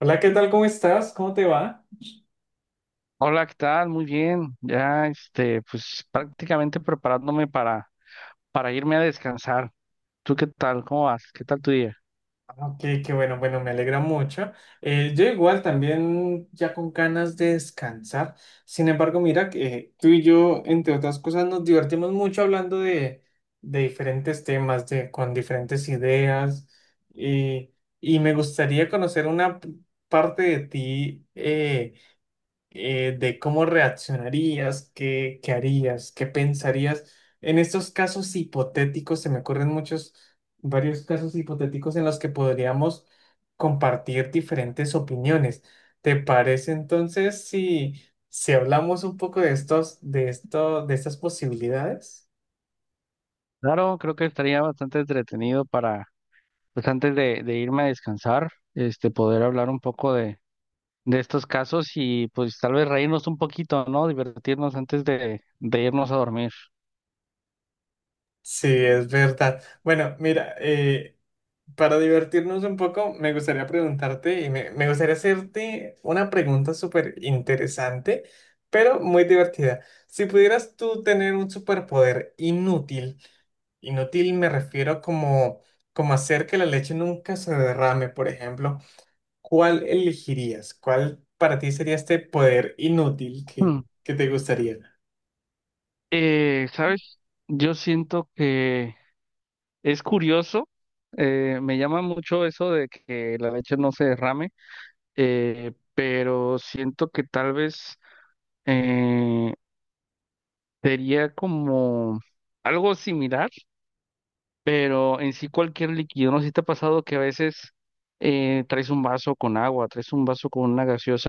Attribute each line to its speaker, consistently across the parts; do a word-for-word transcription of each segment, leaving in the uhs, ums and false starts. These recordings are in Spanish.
Speaker 1: Hola, ¿qué tal? ¿Cómo estás? ¿Cómo te va?
Speaker 2: Hola, ¿qué tal? Muy bien. Ya, este, pues prácticamente preparándome para, para irme a descansar. ¿Tú qué tal? ¿Cómo vas? ¿Qué tal tu día?
Speaker 1: Ah, Ok, qué bueno, bueno, me alegra mucho. Eh, yo igual también ya con ganas de descansar. Sin embargo, mira que eh, tú y yo, entre otras cosas, nos divertimos mucho hablando de, de diferentes temas, de, con diferentes ideas. y y me gustaría conocer una p- parte de ti. Eh, eh, de cómo reaccionarías, qué, qué harías, qué pensarías. En estos casos hipotéticos, se me ocurren muchos, varios casos hipotéticos en los que podríamos compartir diferentes opiniones. ¿Te parece entonces si, si hablamos un poco de estos, de esto, de estas posibilidades?
Speaker 2: Claro, creo que estaría bastante entretenido para, pues antes de, de irme a descansar, este, poder hablar un poco de, de estos casos y pues tal vez reírnos un poquito, ¿no? Divertirnos antes de, de irnos a dormir.
Speaker 1: Sí, es verdad. Bueno, mira, eh, para divertirnos un poco, me gustaría preguntarte y me, me gustaría hacerte una pregunta súper interesante, pero muy divertida. Si pudieras tú tener un superpoder inútil, inútil me refiero como, como hacer que la leche nunca se derrame, por ejemplo, ¿cuál elegirías? ¿Cuál para ti sería este poder inútil que,
Speaker 2: Hmm.
Speaker 1: que te gustaría?
Speaker 2: Eh, ¿sabes? Yo siento que es curioso, eh, me llama mucho eso de que la leche no se derrame, eh, pero siento que tal vez eh, sería como algo similar, pero en sí cualquier líquido, ¿no? Sé si te ha pasado que a veces eh, traes un vaso con agua, traes un vaso con una gaseosa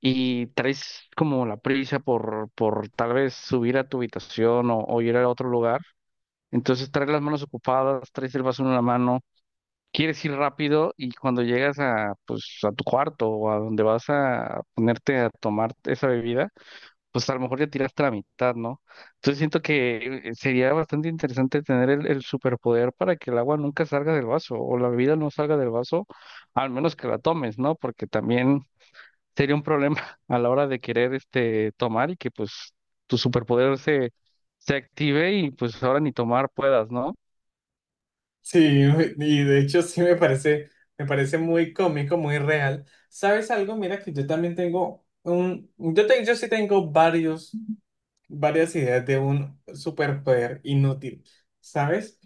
Speaker 2: y traes como la prisa por, por tal vez subir a tu habitación o, o ir a otro lugar. Entonces traes las manos ocupadas, traes el vaso en una mano, quieres ir rápido y cuando llegas a, pues, a tu cuarto o a donde vas a ponerte a tomar esa bebida, pues a lo mejor ya tiraste la mitad, ¿no? Entonces siento que, eh, sería bastante interesante tener el, el superpoder para que el agua nunca salga del vaso o la bebida no salga del vaso, al menos que la tomes, ¿no? Porque también sería un problema a la hora de querer este, tomar y que pues tu superpoder se, se active y pues ahora ni tomar puedas, ¿no?
Speaker 1: Sí, y de hecho sí me parece, me parece muy cómico, muy real. ¿Sabes algo? Mira que yo también tengo un, yo, te- yo sí tengo varios, varias ideas de un superpoder inútil, ¿sabes?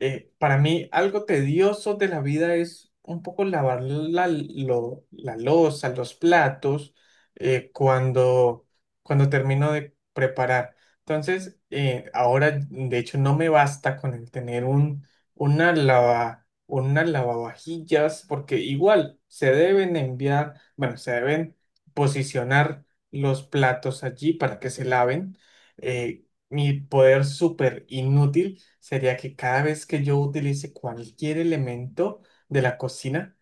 Speaker 1: Eh, para mí, algo tedioso de la vida es un poco lavar la, lo- la loza, los platos, eh, cuando, cuando termino de preparar. Entonces, eh, ahora, de hecho, no me basta con el tener un, una lava, una lavavajillas, porque igual se deben enviar, bueno, se deben posicionar los platos allí para que se laven. Eh, mi poder súper inútil sería que cada vez que yo utilice cualquier elemento de la cocina,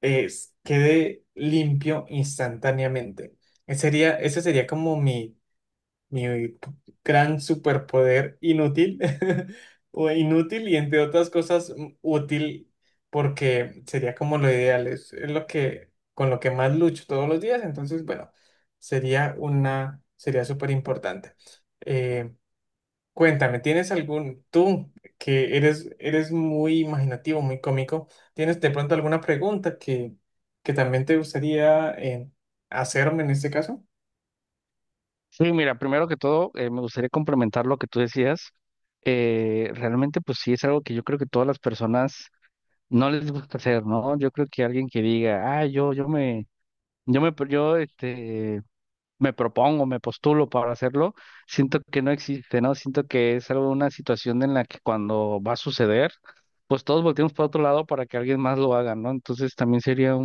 Speaker 1: es, quede limpio instantáneamente. Ese sería, ese sería como mi, mi gran superpoder inútil, o inútil y entre otras cosas mm, útil, porque sería como lo ideal, es, es lo que, con lo que más lucho todos los días, entonces, bueno, sería una, sería súper importante. Cuéntame, ¿tienes algún, tú que eres, eres muy imaginativo, muy cómico, ¿tienes de pronto alguna pregunta que, que también te gustaría eh, hacerme en este caso?
Speaker 2: Sí, mira, primero que todo, eh, me gustaría complementar lo que tú decías. Eh, realmente, pues sí, es algo que yo creo que todas las personas no les gusta hacer, ¿no? Yo creo que alguien que diga, ah, yo, yo me, yo me, pro- yo, este, me propongo, me postulo para hacerlo, siento que no existe, ¿no? Siento que es algo, una situación en la que cuando va a suceder, pues todos volteamos para otro lado para que alguien más lo haga, ¿no? Entonces también sería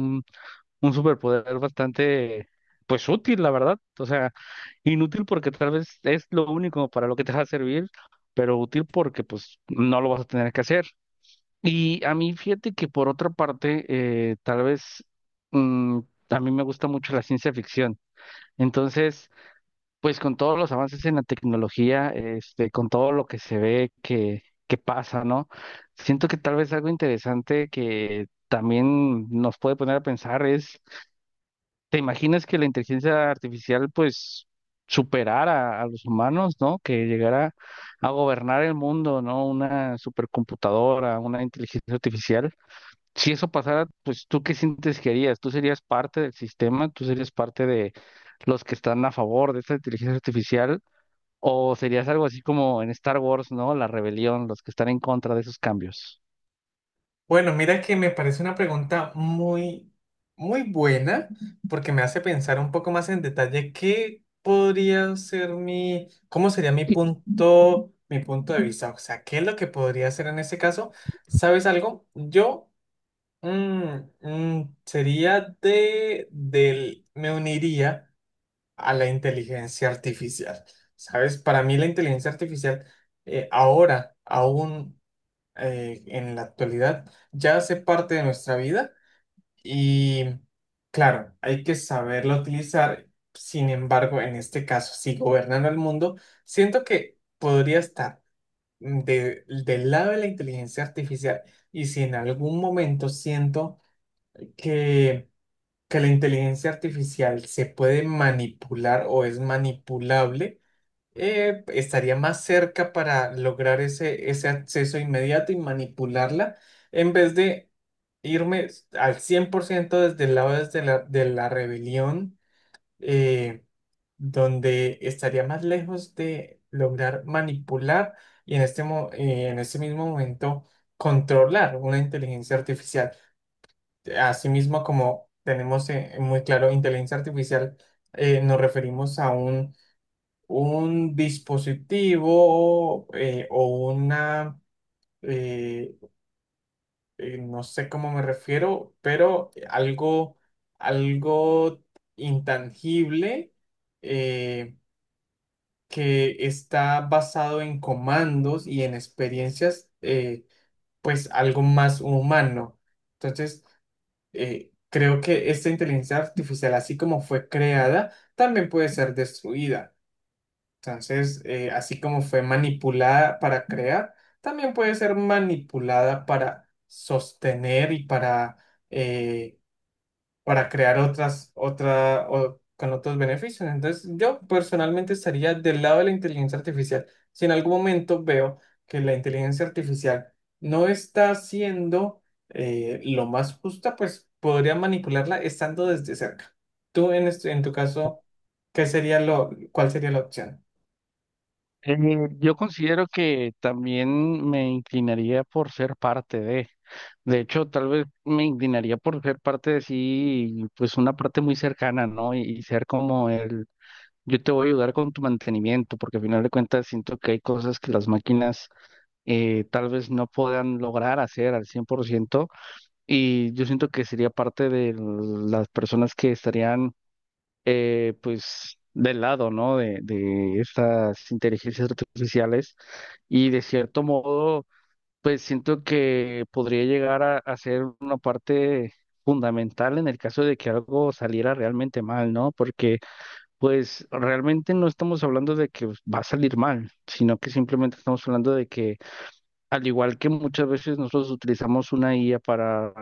Speaker 2: un superpoder bastante, pues útil, la verdad. O sea, inútil porque tal vez es lo único para lo que te va a servir, pero útil porque pues no lo vas a tener que hacer. Y a mí, fíjate que por otra parte, eh, tal vez mm, a mí me gusta mucho la ciencia ficción. Entonces, pues con todos los avances en la tecnología, este, con todo lo que se ve que, que pasa, ¿no? Siento que tal vez algo interesante que también nos puede poner a pensar es, ¿te imaginas que la inteligencia artificial pues superara a los humanos, ¿no? Que llegara a gobernar el mundo, ¿no? Una supercomputadora, una inteligencia artificial. Si eso pasara, pues ¿tú qué sientes que harías? ¿Tú serías parte del sistema? ¿Tú serías parte de los que están a favor de esta inteligencia artificial? ¿O serías algo así como en Star Wars, ¿no? La rebelión, los que están en contra de esos cambios.
Speaker 1: Bueno, mira que me parece una pregunta muy, muy buena porque me hace pensar un poco más en detalle qué podría ser mi, cómo sería mi punto, mi punto de vista, o sea, qué es lo que podría hacer en este caso. ¿Sabes algo? Yo... Mm, mm, sería de, del, me uniría a la inteligencia artificial. ¿Sabes? Para mí la inteligencia artificial eh, ahora, aún, eh, en la actualidad, ya hace parte de nuestra vida y claro, hay que saberlo utilizar. Sin embargo, en este caso, si gobernando el mundo, siento que podría estar de- del lado de la inteligencia artificial. Y si en algún momento siento que que la inteligencia artificial se puede manipular o es manipulable, eh, estaría más cerca para lograr ese, ese acceso inmediato y manipularla en vez de irme al cien por ciento desde el lado desde la, de la rebelión, eh, donde estaría más lejos de lograr manipular y en este, mo- eh, en este mismo momento controlar una inteligencia artificial. Asimismo, como tenemos eh, muy claro, inteligencia artificial, eh, nos referimos a un, un dispositivo eh, o una, eh, eh, no sé cómo me refiero, pero algo, algo intangible, eh, que está basado en comandos y en experiencias, eh, pues algo más humano. Entonces, eh, creo que esta inteligencia artificial, así como fue creada, también puede ser destruida. Entonces, eh, así como fue manipulada para crear, también puede ser manipulada para sostener y para eh, para crear otras, otra, o- con otros beneficios. Entonces, yo personalmente estaría del lado de la inteligencia artificial. Si en algún momento veo que la inteligencia artificial no está siendo eh, lo más justa, pues podría manipularla estando desde cerca. Tú, en, este- en tu caso, ¿qué sería lo, cuál sería la opción?
Speaker 2: Eh, yo considero que también me inclinaría por ser parte de, de hecho, tal vez me inclinaría por ser parte de sí, pues una parte muy cercana, ¿no? Y, y ser como el, yo te voy a ayudar con tu mantenimiento, porque al final de cuentas siento que hay cosas que las máquinas, eh, tal vez no puedan lograr hacer al cien por ciento, y yo siento que sería parte de las personas que estarían, eh, pues del lado, ¿no? De, de estas inteligencias artificiales y de cierto modo, pues siento que podría llegar a, a ser una parte fundamental en el caso de que algo saliera realmente mal, ¿no? Porque pues realmente no estamos hablando de que pues, va a salir mal, sino que simplemente estamos hablando de que al igual que muchas veces nosotros utilizamos una I A para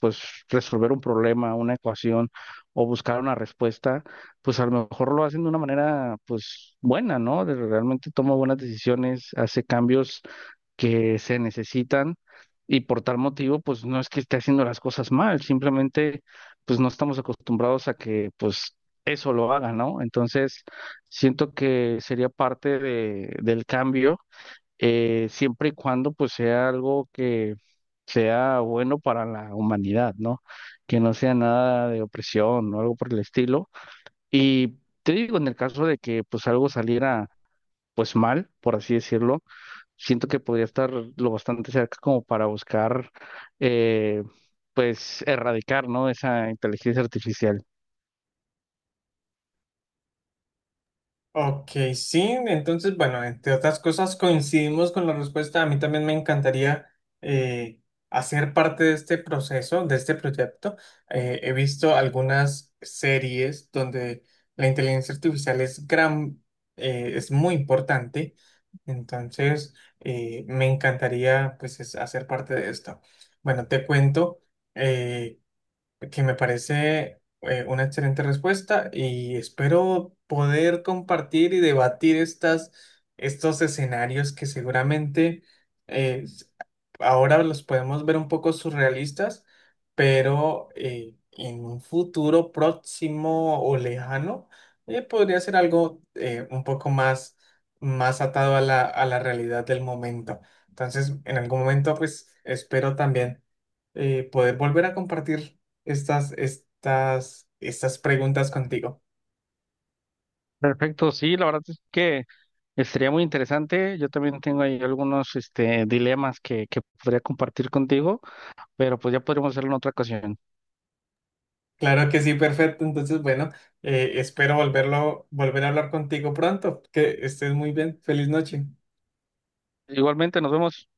Speaker 2: pues resolver un problema, una ecuación o buscar una respuesta, pues a lo mejor lo hacen de una manera pues buena, ¿no? De- realmente toma buenas decisiones, hace cambios que se necesitan y por tal motivo pues no es que esté haciendo las cosas mal, simplemente pues no estamos acostumbrados a que pues eso lo haga, ¿no? Entonces siento que sería parte de, del cambio, eh, siempre y cuando pues sea algo que sea bueno para la humanidad, ¿no? Que no sea nada de opresión o algo por el estilo. Y te digo, en el caso de que pues algo saliera pues mal, por así decirlo, siento que podría estar lo bastante cerca como para buscar, eh, pues erradicar, ¿no? Esa inteligencia artificial.
Speaker 1: Ok, sí, entonces, bueno, entre otras cosas coincidimos con la respuesta. A mí también me encantaría eh, hacer parte de este proceso, de este proyecto. Eh, he visto algunas series donde la inteligencia artificial es gran, eh, es muy importante. Entonces, eh, me encantaría pues es- hacer parte de esto. Bueno, te cuento, eh, que me parece eh, una excelente respuesta y espero poder compartir y debatir estas, estos escenarios que seguramente eh, ahora los podemos ver un poco surrealistas, pero eh, en un futuro próximo o lejano, eh, podría ser algo eh, un poco más, más atado a la, a la realidad del momento. Entonces, en algún momento, pues espero también eh, poder volver a compartir estas, estas, estas preguntas contigo.
Speaker 2: Perfecto, sí, la verdad es que estaría muy interesante. Yo también tengo ahí algunos este, dilemas que, que podría compartir contigo, pero pues ya podríamos hacerlo en otra ocasión.
Speaker 1: Claro que sí, perfecto. Entonces, bueno, eh, espero volverlo, volver a hablar contigo pronto. Que estés muy bien. Feliz noche.
Speaker 2: Igualmente, nos vemos.